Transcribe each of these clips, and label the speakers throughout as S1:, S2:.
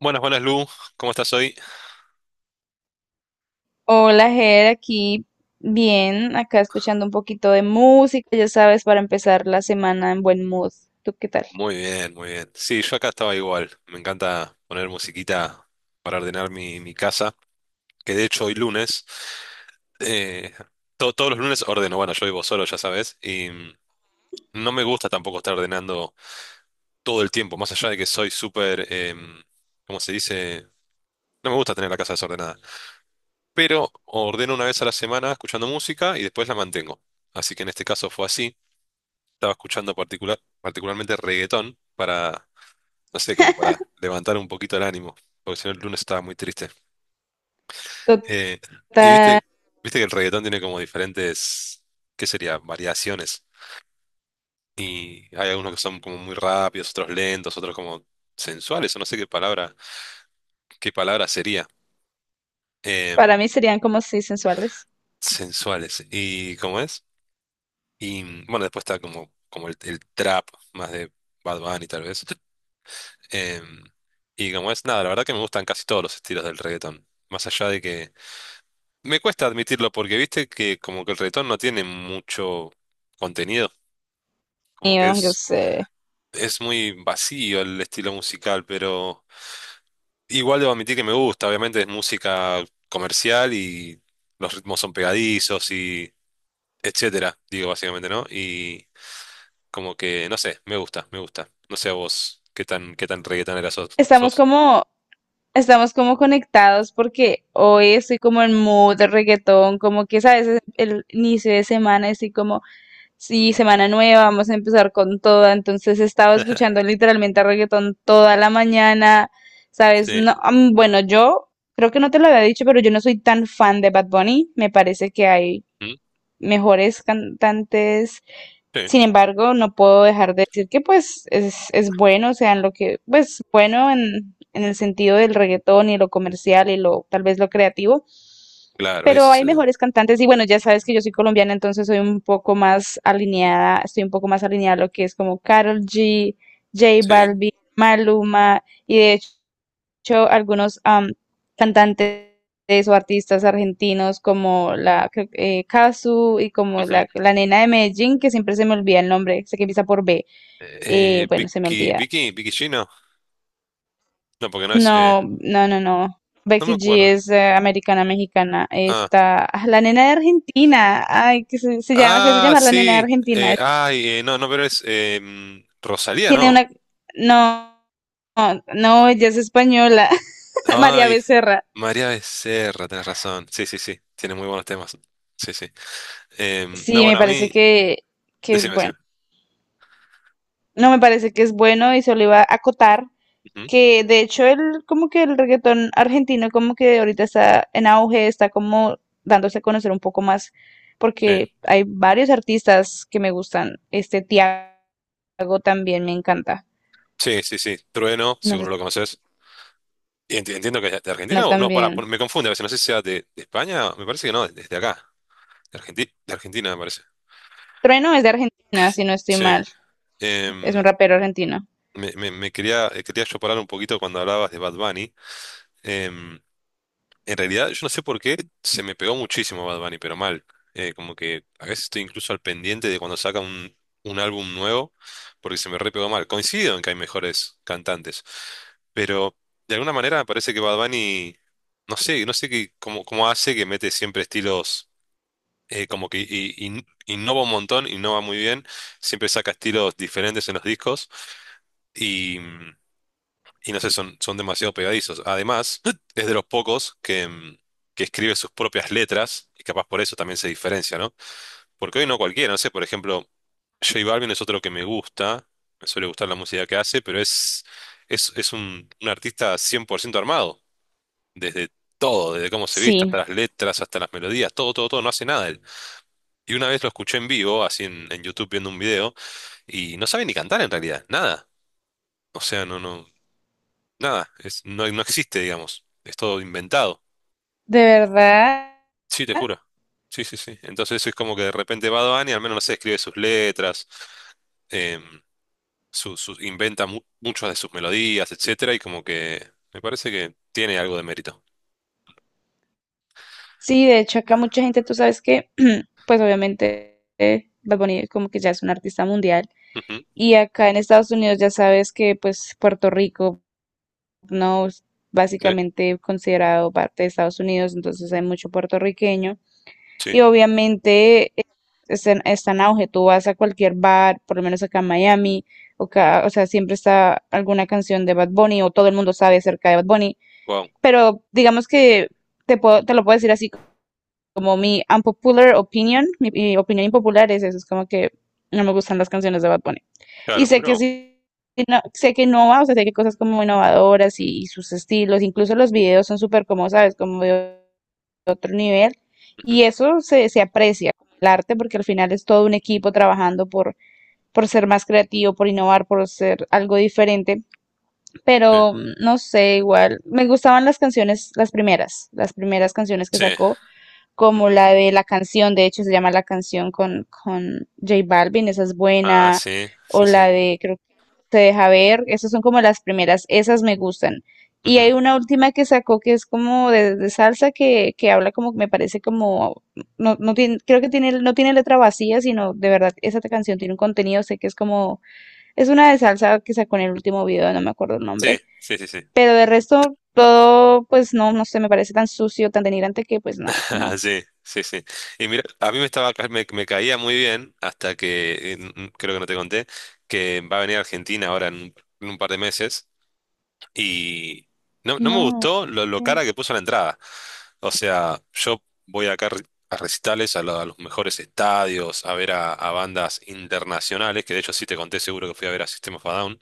S1: Buenas, buenas Lu, ¿cómo estás hoy?
S2: Hola, Ger, aquí bien, acá escuchando un poquito de música, ya sabes, para empezar la semana en buen mood. ¿Tú qué tal?
S1: Muy bien, muy bien. Sí, yo acá estaba igual. Me encanta poner musiquita para ordenar mi casa, que de hecho hoy lunes, eh, todos los lunes ordeno. Bueno, yo vivo solo, ya sabes, y no me gusta tampoco estar ordenando todo el tiempo, más allá de que soy súper, ¿cómo se dice? No me gusta tener la casa desordenada, pero ordeno una vez a la semana escuchando música y después la mantengo. Así que en este caso fue así. Estaba escuchando particularmente reggaetón, para no sé, como para levantar un poquito el ánimo, porque si no el lunes estaba muy triste. Eh, y
S2: Total,
S1: viste que el reggaetón tiene como diferentes, ¿qué sería? Variaciones. Y hay algunos que son como muy rápidos, otros lentos, otros como sensuales, o no sé qué palabra sería.
S2: para
S1: Em,
S2: mí serían como si sensuales.
S1: Sensuales. ¿Y cómo es? Y bueno, después está como el trap, más de Bad Bunny tal vez. Em, y como es, nada, la verdad que me gustan casi todos los estilos del reggaetón. Más allá de que me cuesta admitirlo, porque viste que como que el reggaetón no tiene mucho contenido, como que
S2: Mío, yo
S1: es,
S2: sé.
S1: es muy vacío el estilo musical, pero igual debo admitir que me gusta. Obviamente es música comercial y los ritmos son pegadizos y etcétera, digo básicamente, ¿no? Y como que, no sé, me gusta, me gusta. No sé a vos qué tan, reggaetonera sos.
S2: Estamos
S1: sos.
S2: como, estamos como conectados porque hoy estoy como en mood de reggaetón, como que sabes, es el inicio de semana estoy como sí, semana nueva, vamos a empezar con toda. Entonces estaba escuchando literalmente reggaetón toda la mañana, ¿sabes?
S1: Sí,
S2: No, bueno, yo creo que no te lo había dicho, pero yo no soy tan fan de Bad Bunny. Me parece que hay
S1: ¿Mm?
S2: mejores cantantes.
S1: Sí,
S2: Sin embargo, no puedo dejar de decir que es bueno, o sea, en lo que, pues bueno en el sentido del reggaetón y lo comercial y lo tal vez lo creativo,
S1: claro, ese
S2: pero
S1: es
S2: hay
S1: el tema.
S2: mejores cantantes. Y bueno, ya sabes que yo soy colombiana, entonces soy un poco más alineada, estoy un poco más alineada a lo que es como Karol G, J
S1: Sí.
S2: Balvin, Maluma y de hecho algunos cantantes o artistas argentinos como la creo que, Cazzu y como
S1: Ujú.
S2: la nena de Medellín, que siempre se me olvida el nombre, sé que empieza por B, bueno, se me
S1: Vicky,
S2: olvida.
S1: Vicky, Vicky Gino, no, porque no es.
S2: No, no, no, no.
S1: No me
S2: Becky G
S1: acuerdo.
S2: es americana mexicana.
S1: Ah,
S2: Está ah, la nena de Argentina. Ay, que se llama, se hace
S1: ah,
S2: llamar la nena de
S1: sí.
S2: Argentina.
S1: Ay, no, no, pero es Rosalía,
S2: Tiene
S1: no.
S2: una, no, no, no, ella es española. María
S1: Ay,
S2: Becerra.
S1: María Becerra, tenés razón. Sí, sí, sí. Tiene muy buenos temas. Sí, sí. No,
S2: Sí, me
S1: bueno, a
S2: parece
S1: mí.
S2: que es
S1: Decime,
S2: bueno.
S1: decime.
S2: No, me parece que es bueno y solo iba a acotar
S1: Ujú.
S2: que de hecho el reggaetón argentino como que ahorita está en auge, está como dándose a conocer un poco más
S1: Sí,
S2: porque hay varios artistas que me gustan. Este Tiago también me encanta.
S1: sí, sí, sí. Trueno,
S2: No sé
S1: seguro lo
S2: si
S1: conoces. Y entiendo que es de Argentina
S2: Trueno
S1: o no, para,
S2: también.
S1: me confunde a veces. No sé si sea de, España, me parece que no, desde acá. De Argentina, me parece.
S2: Trueno es de Argentina, si no estoy
S1: Sí.
S2: mal. Es un
S1: Em,
S2: rapero argentino.
S1: Quería yo parar un poquito cuando hablabas de Bad Bunny. Em, En realidad, yo no sé por qué se me pegó muchísimo Bad Bunny, pero mal. Como que a veces estoy incluso al pendiente de cuando saca un álbum nuevo, porque se me re pegó mal. Coincido en que hay mejores cantantes, pero de alguna manera me parece que Bad Bunny, no sé qué, cómo hace que mete siempre estilos, como que innova un montón, innova muy bien, siempre saca estilos diferentes en los discos y no sé, son demasiado pegadizos. Además, es de los pocos que escribe sus propias letras, y capaz por eso también se diferencia, ¿no? Porque hoy no cualquiera, no sé, por ejemplo, J Balvin es otro que me gusta, me suele gustar la música que hace, pero es un artista 100% armado, desde todo, desde cómo se viste, hasta
S2: Sí,
S1: las letras, hasta las melodías, todo, todo, todo, no hace nada él. Y una vez lo escuché en vivo, así en YouTube viendo un video, y no sabe ni cantar en realidad, nada. O sea, no, no, nada, es, no existe, digamos. Es todo inventado.
S2: de verdad.
S1: Sí, te juro. Sí, sí, sí. Entonces eso es como que de repente va Bunny, al menos no sé, escribe sus letras, em, inventa muchas de sus melodías, etcétera, y como que me parece que tiene algo de mérito.
S2: Sí, de hecho acá mucha gente, tú sabes que pues obviamente Bad Bunny como que ya es un artista mundial.
S1: Ujú,
S2: Y acá en Estados Unidos ya sabes que pues Puerto Rico no es
S1: sí.
S2: básicamente considerado parte de Estados Unidos, entonces hay mucho puertorriqueño
S1: Sí.
S2: y obviamente está está en auge, tú vas a cualquier bar, por lo menos acá en Miami, o,
S1: Mm,
S2: ca- o sea, siempre está alguna canción de Bad Bunny o todo el mundo sabe acerca de Bad Bunny,
S1: wow.
S2: pero digamos que te puedo, te lo puedo decir así como mi unpopular opinion, mi opinión impopular es eso, es como que no me gustan las canciones de Bad Bunny. Y
S1: Claro,
S2: sé que
S1: bro.
S2: sí, no- sé que innova, o sea, sé que cosas como innovadoras y sus estilos, incluso los videos son súper como, ¿sabes? Como de otro nivel. Y
S1: Ujú,
S2: eso se aprecia, el arte, porque al final es todo un equipo trabajando por ser más creativo, por innovar, por ser algo diferente.
S1: sí.
S2: Pero no sé, igual, me gustaban las canciones, las primeras canciones que
S1: Sí.
S2: sacó como
S1: Ujú.
S2: la de la canción, de hecho se llama La canción con J Balvin, esa es
S1: Ah,
S2: buena,
S1: sí, sí,
S2: o la
S1: sí.
S2: de creo que Te deja ver, esas son como las primeras, esas me gustan. Y
S1: Ujú,
S2: hay una última que sacó que es como de salsa que habla como, me parece como, no, no tiene, creo que tiene, no tiene letra vacía, sino de verdad, esa canción tiene un contenido, sé que es como, es una de salsa que sacó en el último video, no me acuerdo el
S1: sí,
S2: nombre,
S1: sí, sí, sí.
S2: pero de resto todo, pues no, no sé, me parece tan sucio, tan denigrante que pues no, no,
S1: Sí, sí, sí. Y mira, a mí me estaba, ca- me caía muy bien hasta que, creo que no te conté que va a venir a Argentina ahora en, un par de meses y no, no me
S2: no.
S1: gustó lo
S2: Mm,
S1: cara que puso la entrada. O sea, yo voy acá a recitales, a los mejores estadios, a ver a, bandas internacionales, que de hecho sí te conté seguro que fui a ver a System of a Down,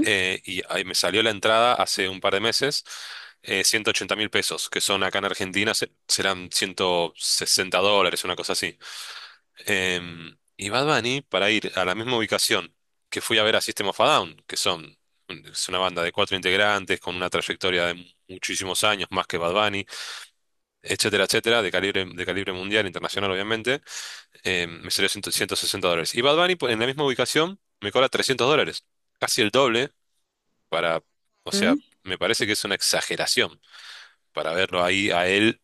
S1: y ahí me salió la entrada hace un par de meses, 180 mil pesos, que son acá en Argentina serán $160, una cosa así. Y Bad Bunny, para ir a la misma ubicación que fui a ver a System of a Down, es una banda de cuatro integrantes con una trayectoria de muchísimos años, más que Bad Bunny, etcétera, etcétera, de calibre, mundial, internacional, obviamente, me salió 100 160 dólares. Y Bad Bunny, pues, en la misma ubicación, me cobra $300, casi el doble. Para, o
S2: mm.
S1: sea, me parece que es una exageración para verlo ahí a él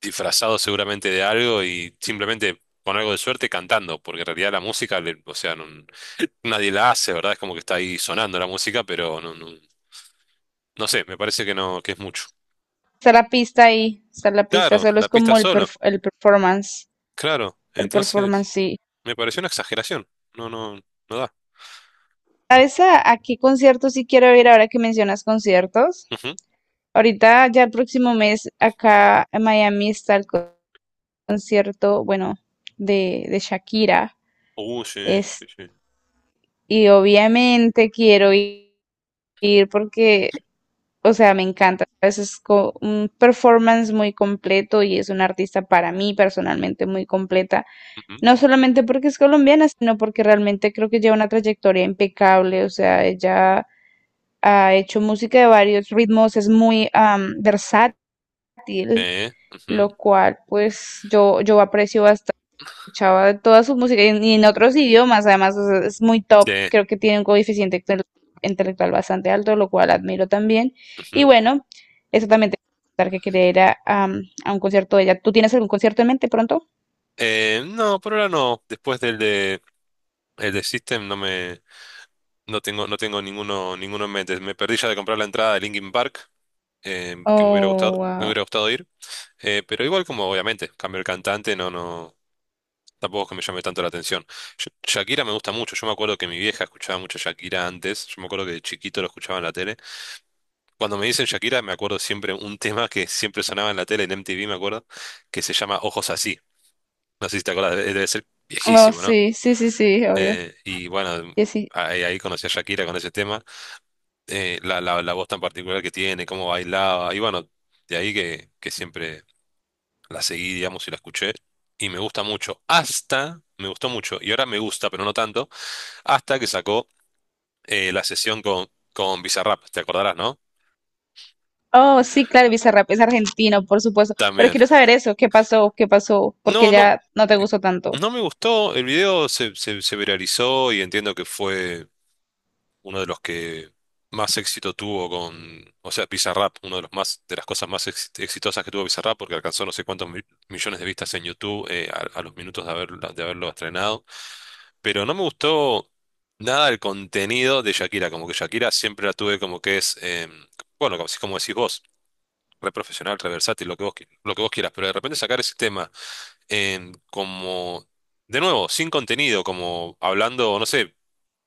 S1: disfrazado seguramente de algo y simplemente con algo de suerte cantando, porque en realidad la música, o sea, nadie la hace, ¿verdad? Es como que está ahí sonando la música, pero no sé, me parece que no, que es mucho.
S2: Está la pista ahí, está la pista,
S1: Claro,
S2: solo es
S1: la pista
S2: como el,
S1: solo,
S2: perf-
S1: claro,
S2: el performance
S1: entonces
S2: sí.
S1: me pareció una exageración, no, no, no da.
S2: ¿Sabes a qué concierto sí quiero ir ahora que mencionas conciertos?
S1: Ujú.
S2: Ahorita ya el próximo mes acá en Miami está el co- concierto, bueno, de Shakira.
S1: Sí, sí,
S2: Es,
S1: sí.
S2: y obviamente quiero i- ir porque, o sea, me encanta. ¿Sabes? Es co- un performance muy completo y es una artista para mí personalmente muy completa.
S1: Ujú.
S2: No solamente porque es colombiana, sino porque realmente creo que lleva una trayectoria impecable, o sea, ella ha hecho música de varios ritmos, es muy versátil,
S1: Ujú.
S2: lo cual pues yo aprecio bastante escuchaba toda su música y en otros idiomas, además o sea, es muy top,
S1: Sí,
S2: creo que tiene un coeficiente intel- intelectual bastante alto, lo cual admiro también. Y
S1: ujú.
S2: bueno, eso también te quería contar que quería ir a, a un concierto de ella. ¿Tú tienes algún concierto en mente pronto?
S1: No, por ahora no. Después del de System, no tengo ninguno en mente. Me perdí ya de comprar la entrada de Linkin Park, que me hubiera gustado,
S2: Oh,
S1: me
S2: wow.
S1: hubiera gustado ir. Pero igual como obviamente cambio el cantante, no, no, tampoco es que me llame tanto la atención. Shakira me gusta mucho. Yo me acuerdo que mi vieja escuchaba mucho Shakira antes, yo me acuerdo que de chiquito lo escuchaba en la tele. Cuando me dicen Shakira me acuerdo siempre un tema que siempre sonaba en la tele, en MTV me acuerdo, que se llama Ojos Así. No sé si te acuerdas, debe ser
S2: Oh,
S1: viejísimo, ¿no?
S2: sí, sí, sí, sí, obvio.
S1: Y bueno, ahí conocí a Shakira con ese tema. La voz tan particular que tiene, cómo bailaba, y bueno, de ahí que siempre la seguí, digamos, y la escuché, y me gusta mucho, hasta, me gustó mucho, y ahora me gusta, pero no tanto, hasta que sacó la sesión con, Bizarrap, te acordarás, ¿no?
S2: Oh, sí, claro, Bizarrap es argentino, por supuesto. Pero
S1: También.
S2: quiero saber eso, ¿qué pasó? ¿Qué pasó? Porque
S1: No, no,
S2: ya no te gustó tanto.
S1: no me gustó, el video se viralizó y entiendo que fue uno de los que más éxito tuvo con, o sea, Bizarrap, uno de los más, de las cosas más exitosas que tuvo Bizarrap, porque alcanzó no sé cuántos millones de vistas en YouTube, a los minutos de haberlo estrenado. Pero no me gustó nada el contenido de Shakira, como que Shakira siempre la tuve como que es, bueno, como, así como decís vos, re profesional, re versátil, lo que vos, lo que vos quieras, pero de repente sacar ese tema como, de nuevo, sin contenido, como hablando, no sé.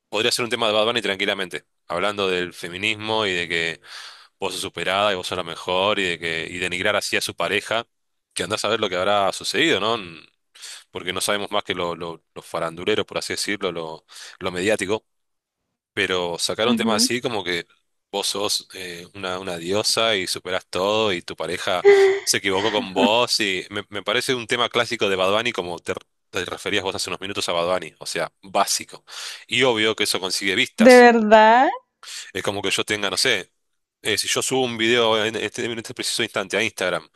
S1: Podría ser un tema de Bad Bunny tranquilamente, hablando del feminismo y de que vos sos superada y vos sos la mejor y de que y denigrar así a su pareja, que andás a ver lo que habrá sucedido, ¿no? Porque no sabemos más que lo farandulero, por así decirlo, lo mediático, pero sacar un tema
S2: Ujú.
S1: así como que vos sos una diosa y superás todo y tu pareja se equivocó con vos, y me parece un tema clásico de Bad Bunny como te referías vos hace unos minutos a Bad Bunny, o sea, básico. Y obvio que eso consigue
S2: ¿De
S1: vistas.
S2: verdad?
S1: Es como que yo tenga, no sé, si yo subo un video en este, preciso instante a Instagram,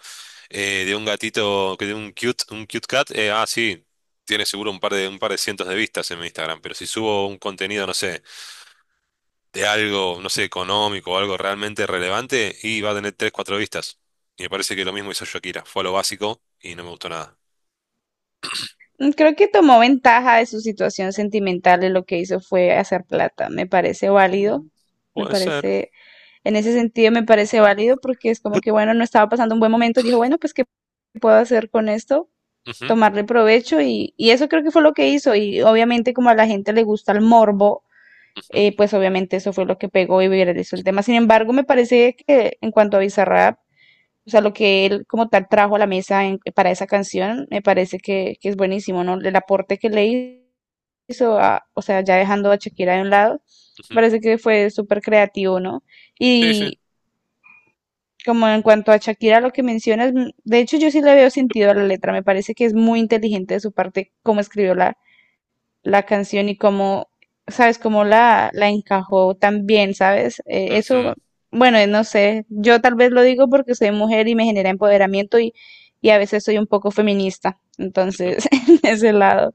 S1: de un gatito, que de un cute cat, sí, tiene seguro un par de cientos de vistas en mi Instagram, pero si subo un contenido, no sé, de algo, no sé, económico o algo realmente relevante, y va a tener tres, cuatro vistas. Y me parece que lo mismo hizo Shakira, fue a lo básico y no me gustó nada.
S2: Mm, creo que tomó ventaja de su situación sentimental y lo que hizo fue hacer plata. Me parece válido.
S1: Mm.
S2: Me
S1: Puede ser.
S2: parece, en ese sentido me parece válido porque es como que, bueno, no estaba pasando un buen momento. Dijo, bueno, pues, ¿qué puedo hacer con esto?
S1: Ujú,
S2: Tomarle provecho y eso creo que fue lo que hizo. Y obviamente como a la gente le gusta el morbo
S1: ujú,
S2: pues obviamente eso fue lo que pegó y viralizó el tema. Sin embargo, me parece que en cuanto a Bizarrap, o sea, lo que él como tal trajo a la mesa en- para esa canción, me parece que es buenísimo, ¿no? El aporte que le hizo, a- o sea, ya dejando a Shakira de un lado,
S1: ujú.
S2: parece que fue súper creativo, ¿no?
S1: Sí, sí.
S2: Y como en cuanto a Shakira, lo que mencionas, de hecho yo sí le veo sentido a la letra, me parece que es muy inteligente de su parte cómo escribió la canción y cómo, sabes, cómo la encajó tan bien, ¿sabes?
S1: Ujú,
S2: Eso, bueno, no sé, yo tal vez lo digo porque soy mujer y me genera empoderamiento y a veces soy un poco feminista,
S1: ujú.
S2: entonces, en ese lado,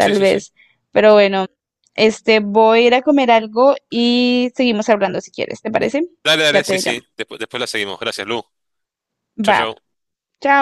S1: Sí, sí, sí.
S2: vez. Pero bueno, este, voy a ir a comer algo y seguimos hablando si quieres, ¿te parece?
S1: Dale,
S2: Ya
S1: dale, sí,
S2: te llamo.
S1: sí. Después, después la seguimos. Gracias, Lu. Chau,
S2: Va,
S1: chau.
S2: chao.